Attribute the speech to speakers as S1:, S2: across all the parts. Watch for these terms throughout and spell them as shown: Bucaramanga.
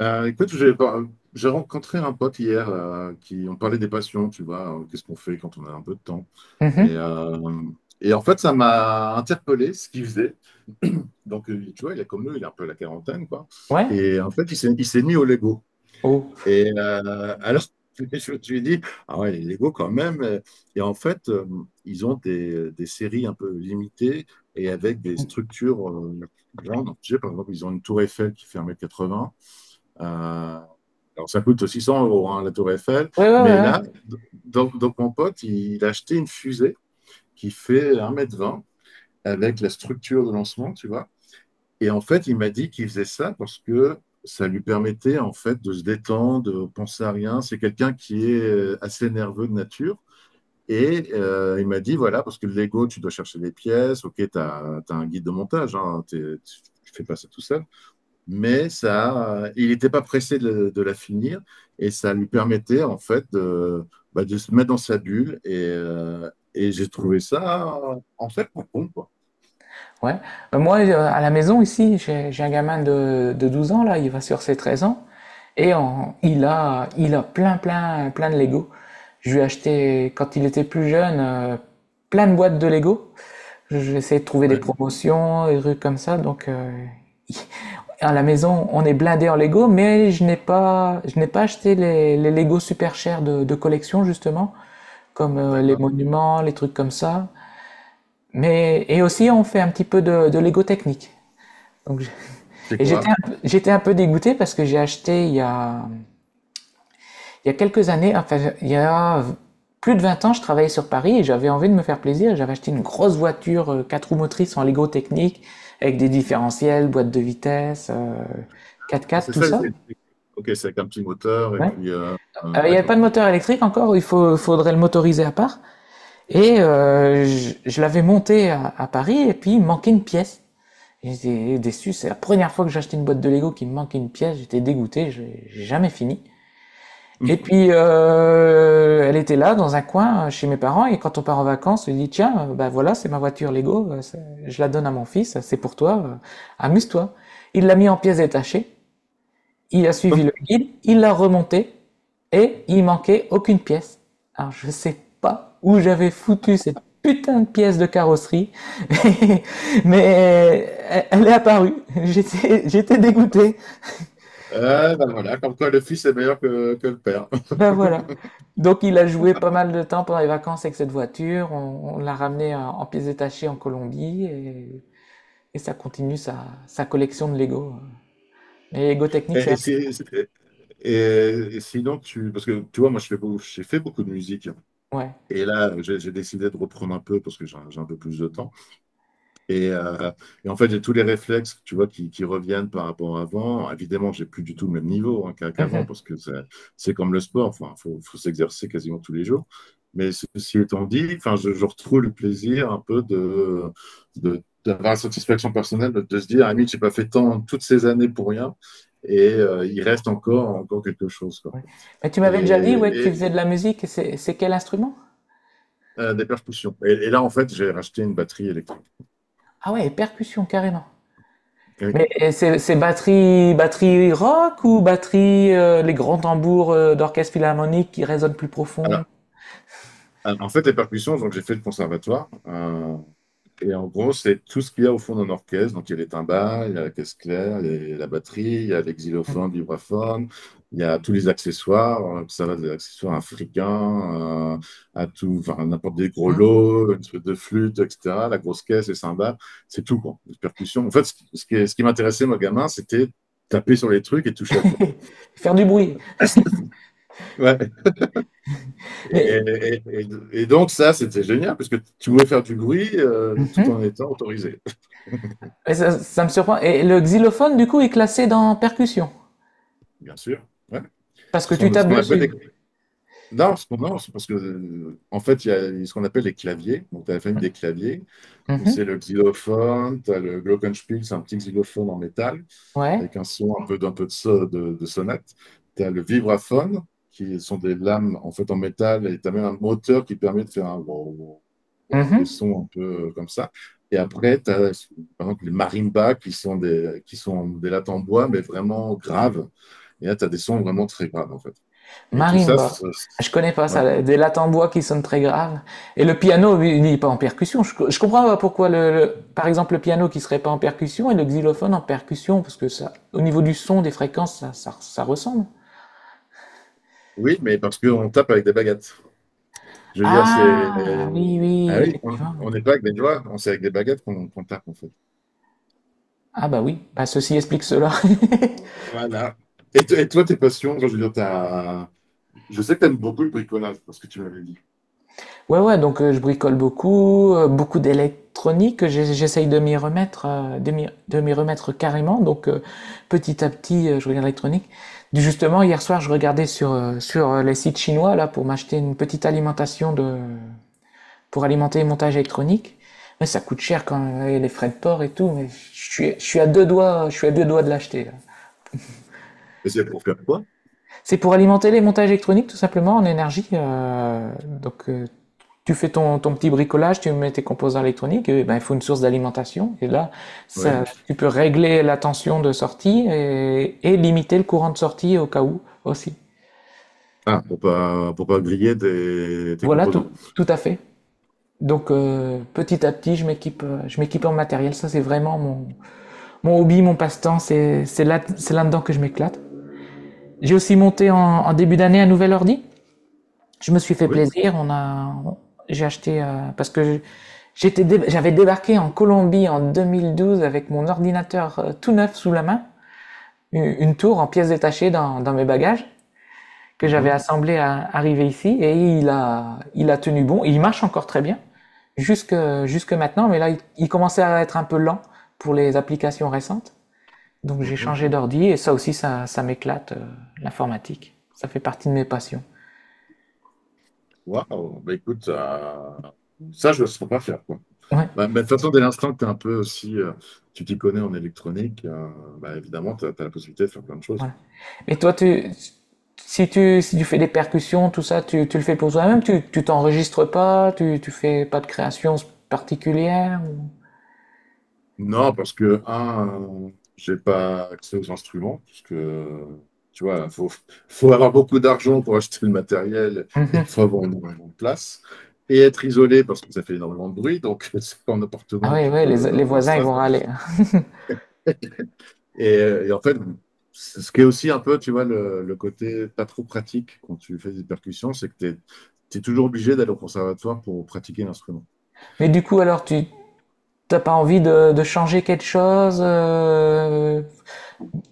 S1: Euh, écoute, j'ai j'ai rencontré un pote hier qui on parlait des passions, tu vois, qu'est-ce qu'on fait quand on a un peu de temps. Et,
S2: Mhm.
S1: euh, et en fait, ça m'a interpellé ce qu'il faisait. Donc, tu vois, il est comme nous, il est un peu à la quarantaine, quoi.
S2: Ouais.
S1: Et en fait, il s'est mis au Lego.
S2: Oh.
S1: Et alors, je me suis dit, ah ouais, les Lego quand même. Et en fait, ils ont des séries un peu limitées et avec des structures grandes. Tu sais, par exemple, ils ont une tour Eiffel qui fait un mètre quatre 80 euh, alors, ça coûte 600 euros, hein, la Tour Eiffel.
S2: Ouais, ouais,
S1: Mais
S2: ouais, ouais.
S1: là, donc mon pote, il a acheté une fusée qui fait un mètre vingt avec la structure de lancement, tu vois. Et en fait, il m'a dit qu'il faisait ça parce que ça lui permettait, en fait, de se détendre, de penser à rien. C'est quelqu'un qui est assez nerveux de nature. Et il m'a dit, voilà, parce que le Lego, tu dois chercher des pièces. OK, tu as, un guide de montage. Hein, tu fais pas ça tout seul mais ça, il n'était pas pressé de la finir et ça lui permettait en fait de, bah, de se mettre dans sa bulle et j'ai trouvé ça en fait pas con quoi.
S2: Ouais. Moi, à la maison, ici, j'ai un gamin de 12 ans, là, il va sur ses 13 ans, il a plein, plein, plein de Lego. Je lui ai acheté, quand il était plus jeune, plein de boîtes de Lego. J'ai essayé de trouver des
S1: Ouais,
S2: promotions, des trucs comme ça, donc à la maison, on est blindé en Lego, mais je n'ai pas acheté les Lego super chers de collection, justement, comme les
S1: d'accord.
S2: monuments, les trucs comme ça. Mais et aussi on fait un petit peu de Lego technique. Donc je-
S1: C'est
S2: et
S1: quoi?
S2: j'étais un peu dégoûté parce que j'ai acheté il y a quelques années, enfin il y a plus de 20 ans, je travaillais sur Paris et j'avais envie de me faire plaisir. J'avais acheté une grosse voiture quatre roues motrices en Lego technique avec des différentiels, boîte de vitesse, 4x4,
S1: C'est
S2: tout
S1: ça
S2: ça.
S1: les Ok, c'est avec un petit moteur et
S2: Ouais.
S1: puis
S2: Il n'y avait
S1: d'accord.
S2: pas de moteur électrique encore, faudrait le motoriser à part. Je l'avais monté à Paris, et puis il manquait une pièce. J'étais déçu, c'est la première fois que j'achetais une boîte de Lego qui me manquait une pièce, j'étais dégoûté, j'ai jamais fini. Et puis elle était là dans un coin chez mes parents, et quand on part en vacances, on lui dit tiens, ben voilà, c'est ma voiture Lego, je la donne à mon fils, c'est pour toi, amuse-toi. Il l'a mis en pièces détachées, il a suivi le guide, il l'a remonté, et il manquait aucune pièce. Alors je sais pas où j'avais foutu cette putain de pièce de carrosserie, mais elle est apparue. J'étais dégoûté.
S1: Ben voilà, comme quoi le fils est meilleur que le père.
S2: Ben voilà. Donc il a joué pas mal de temps pendant les vacances avec cette voiture. On l'a ramenée en pièces détachées en Colombie, et ça continue sa collection de Lego. Les Lego technique, c'est
S1: Et, et
S2: vrai.
S1: c'est- c'est- et sinon, tu, parce que tu vois, moi, je fais beaucoup, j'ai fait beaucoup de musique.
S2: Ouais.
S1: Et là, j'ai décidé de reprendre un peu parce que j'ai un peu plus de temps. Et, euh, et en fait, j'ai tous les réflexes, tu vois, qui reviennent par rapport à avant. Évidemment, j'ai plus du tout le même niveau hein, qu'avant,
S2: Mhm.
S1: parce que c'est comme le sport, enfin, faut s'exercer quasiment tous les jours. Mais ceci étant dit, enfin, je retrouve le plaisir un peu de, d'avoir la satisfaction personnelle de se dire, ah, je j'ai pas fait tant toutes ces années pour rien, et il reste encore quelque chose, quoi.
S2: Ouais. Mais tu m'avais déjà dit,
S1: Et,
S2: ouais, que tu
S1: et,
S2: faisais de la musique, et c'est quel instrument?
S1: des percussions. Et là, en fait, j'ai racheté une batterie électrique.
S2: Ah ouais, percussion, carrément.
S1: Oui.
S2: Mais et c'est batterie, batterie rock, ou batterie, les grands tambours d'orchestre philharmonique qui résonnent plus profond?
S1: Alors, En fait, les percussions, donc j'ai fait le conservatoire. Et en gros, c'est tout ce qu'il y a au fond d'un orchestre. Donc, il y a les timbales, il y a la caisse claire, il y a la batterie, il y a les xylophones, vibraphones, il y a tous les accessoires. Ça va des accessoires africains à tout, enfin, n'importe des gros
S2: Hmm.
S1: lots, une truc de flûte, etc. La grosse caisse, les cymbales, c'est tout, quoi. Les percussions. En fait, ce qui m'intéressait, moi, gamin, c'était taper sur les trucs et toucher à tout.
S2: Faire du bruit.
S1: Ouais. Et,
S2: Mais.
S1: et- et- et donc ça, c'était génial, parce que tu pouvais faire du bruit tout en
S2: Mhm.
S1: étant autorisé,
S2: Mais ça me surprend. Et le xylophone, du coup, est classé dans percussion,
S1: bien sûr. Ouais.
S2: parce que
S1: Ce
S2: tu
S1: sont ce
S2: tapes
S1: qu'on appelle des...
S2: dessus.
S1: Non, non, c'est parce que, en fait, il y a ce qu'on appelle les claviers. Donc, tu as la famille des claviers, où
S2: Mhm.
S1: c'est le xylophone, tu as le glockenspiel, c'est un petit xylophone en métal.
S2: Ouais.
S1: Avec un son un peu, d'un peu de, de sonnette. Tu as le vibraphone, qui sont des lames en fait en métal, et tu as même un moteur qui permet de faire un wow, wow, wow, des
S2: Mhm.
S1: sons un peu comme ça. Et après, tu as par exemple les marimbas qui sont des lattes en bois, mais vraiment graves. Et là, tu as des sons vraiment très graves en fait. Et tout ça,
S2: Marimba.
S1: c'est-
S2: Je connais pas
S1: ouais.
S2: ça, des lattes en bois qui sonnent très graves. Et le piano, lui, il n'est pas en percussion. Je comprends pas pourquoi, par exemple, le piano qui serait pas en percussion et le xylophone en percussion, parce que ça, au niveau du son, des fréquences, ça ressemble.
S1: Oui, mais parce qu'on tape avec des baguettes. Je veux dire, c'est.
S2: Ah, oui, oui,
S1: Ah oui,
S2: effectivement.
S1: on n'est pas avec des doigts, c'est avec des baguettes qu'on tape en fait.
S2: Ah bah oui, bah ceci explique cela.
S1: Voilà. Et, et toi, tes passions, enfin, je veux dire, t'as... Je sais que t'aimes beaucoup le bricolage, parce que tu m'avais dit.
S2: Ouais, ouais, donc je bricole beaucoup, beaucoup d'électronique, j'essaye de m'y remettre, de m'y remettre carrément, donc petit à petit je regarde l'électronique. Justement, hier soir je regardais sur les sites chinois là pour m'acheter une petite alimentation pour alimenter les montages électroniques, mais ça coûte cher quand même, et les frais de port et tout, mais je suis à deux doigts, je suis à deux doigts de l'acheter là.
S1: Mais c'est pour faire quoi?
S2: C'est pour alimenter les montages électroniques tout simplement en énergie. Donc tu fais ton petit bricolage, tu mets tes composants électroniques, et ben, il faut une source d'alimentation. Et là,
S1: Oui.
S2: ça, tu peux régler la tension de sortie et limiter le courant de sortie au cas où aussi.
S1: Ah, pour pas griller tes, tes
S2: Voilà, tout,
S1: composants.
S2: tout à fait. Donc petit à petit, je m'équipe, je m'équipe en matériel. Ça, c'est vraiment mon hobby, mon passe-temps. C'est là, c'est là-dedans que je m'éclate. J'ai aussi monté en début d'année un nouvel ordi. Je me suis fait
S1: Oui.
S2: plaisir. J'ai acheté parce que j'avais débarqué en Colombie en 2012 avec mon ordinateur tout neuf sous la main, une tour en pièces détachées dans mes bagages, que j'avais
S1: Mhm,
S2: assemblé à arriver ici, et il a tenu bon. Il marche encore très bien jusque, jusque maintenant, mais là il commençait à être un peu lent pour les applications récentes. Donc j'ai
S1: mhm.
S2: changé d'ordi, et ça aussi ça m'éclate, l'informatique. Ça fait partie de mes passions.
S1: Waouh. Bah, écoute, ça, je ne saurais pas faire, quoi.
S2: Ouais,
S1: Bah, mais de toute façon, dès l'instant que tu es un peu aussi, tu t'y connais en électronique, bah, évidemment, tu as, la possibilité de faire plein de choses.
S2: voilà. Et toi, si tu fais des percussions, tout ça, tu le fais pour toi-même, tu t'enregistres pas, tu fais pas de création particulière?
S1: Non, parce que, un, j'ai pas accès aux instruments, parce que, tu vois, faut avoir beaucoup d'argent pour acheter le matériel et il
S2: Mhm.
S1: faut avoir énormément de place. Et être isolé, parce que ça fait énormément de bruit, donc c'est pas en
S2: Ah
S1: appartement que
S2: oui,
S1: tu
S2: ouais.
S1: peux
S2: Les
S1: avoir
S2: voisins,
S1: ça.
S2: ils vont râler.
S1: Et, et en fait, c'est ce qui est aussi un peu, tu vois, le côté pas trop pratique quand tu fais des percussions, c'est que tu es, toujours obligé d'aller au conservatoire pour pratiquer l'instrument.
S2: Mais du coup, alors, tu t'as pas envie de changer quelque chose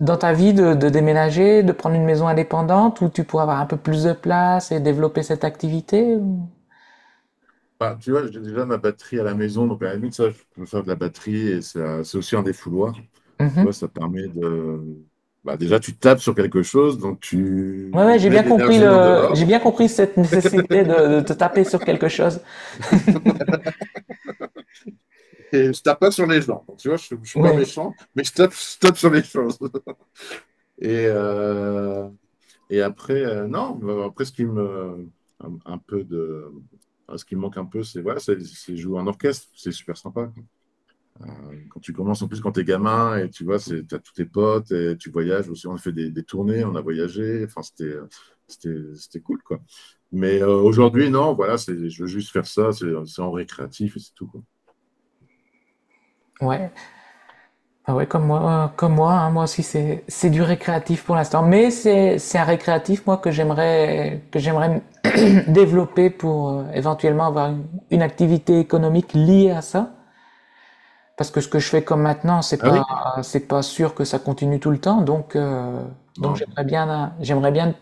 S2: dans ta vie, de déménager, de prendre une maison indépendante où tu pourras avoir un peu plus de place et développer cette activité?
S1: Bah, tu vois, j'ai déjà ma batterie à la maison, donc à la limite, ça, je peux faire de la batterie et c'est aussi un défouloir. Tu
S2: Mhm.
S1: vois, ça permet de. Bah, déjà, tu tapes sur quelque chose, donc
S2: Ouais, ouais,
S1: tu mets de l'énergie en
S2: j'ai
S1: dehors
S2: bien compris cette nécessité de te taper sur quelque chose.
S1: et je tape pas sur les gens. Donc, tu vois, je suis pas
S2: Ouais.
S1: méchant, mais je tape sur les choses. Et, non, bah, après, ce qui me. Un peu de. Enfin, Ce qui me manque un peu, c'est voilà, c'est jouer en orchestre, c'est super sympa. Quand tu commences, en plus, quand t'es gamin, et tu vois, c'est, t'as tous tes potes, et tu voyages aussi. On a fait des tournées, on a voyagé. Enfin, c'était cool, quoi. Mais aujourd'hui, non, voilà, c'est, je veux juste faire ça, c'est en récréatif et c'est tout, quoi.
S2: Ouais, ah ouais, comme moi, hein, moi aussi c'est du récréatif pour l'instant, mais c'est un récréatif moi que j'aimerais développer pour éventuellement avoir une activité économique liée à ça, parce que ce que je fais comme maintenant
S1: Ah oui?
S2: c'est pas sûr que ça continue tout le temps, donc
S1: Non.
S2: j'aimerais bien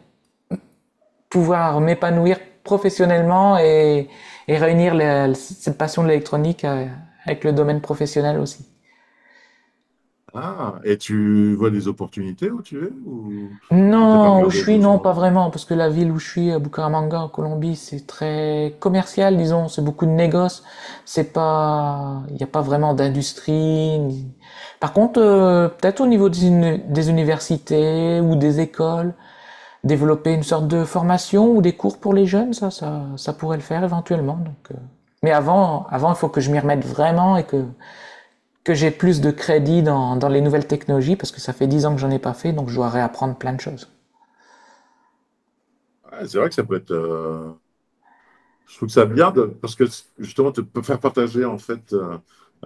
S2: pouvoir m'épanouir professionnellement et réunir cette passion de l'électronique avec le domaine professionnel aussi.
S1: Ah, et tu vois des opportunités où tu es ou t'as pas
S2: Non, où je
S1: regardé
S2: suis, non, pas
S1: franchement?
S2: vraiment, parce que la ville où je suis, à Bucaramanga, en Colombie, c'est très commercial, disons, c'est beaucoup de négoces, c'est pas, il n'y a pas vraiment d'industrie. Par contre, peut-être au niveau des universités ou des écoles, développer une sorte de formation ou des cours pour les jeunes, ça pourrait le faire éventuellement. Mais avant, il faut que je m'y remette vraiment et que j'ai plus de crédit dans les nouvelles technologies, parce que ça fait 10 ans que j'en ai pas fait, donc je dois réapprendre plein de choses.
S1: Ah, c'est vrai que ça peut être. Je trouve ça bien de- Parce que justement, tu peux faire partager en fait euh,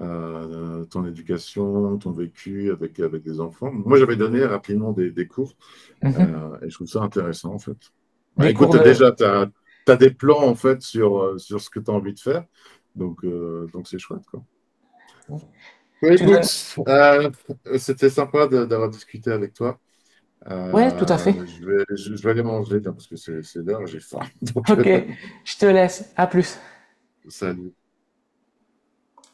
S1: euh, ton éducation, ton vécu avec, avec des enfants. Moi, j'avais donné rapidement des cours
S2: Mhm.
S1: et je trouve ça intéressant en fait. Bah,
S2: Des
S1: écoute,
S2: cours de...
S1: tu as, des plans en fait sur, sur ce que tu as envie de faire. Donc c'est chouette, quoi. Bah,
S2: Tu
S1: écoute,
S2: donnes...
S1: euh, c'était sympa d'avoir discuté avec toi.
S2: Ouais, tout à fait.
S1: Je vais aller manger tiens, parce que c'est l'heure, j'ai faim. Donc,
S2: Ok, je te laisse. À plus.
S1: salut.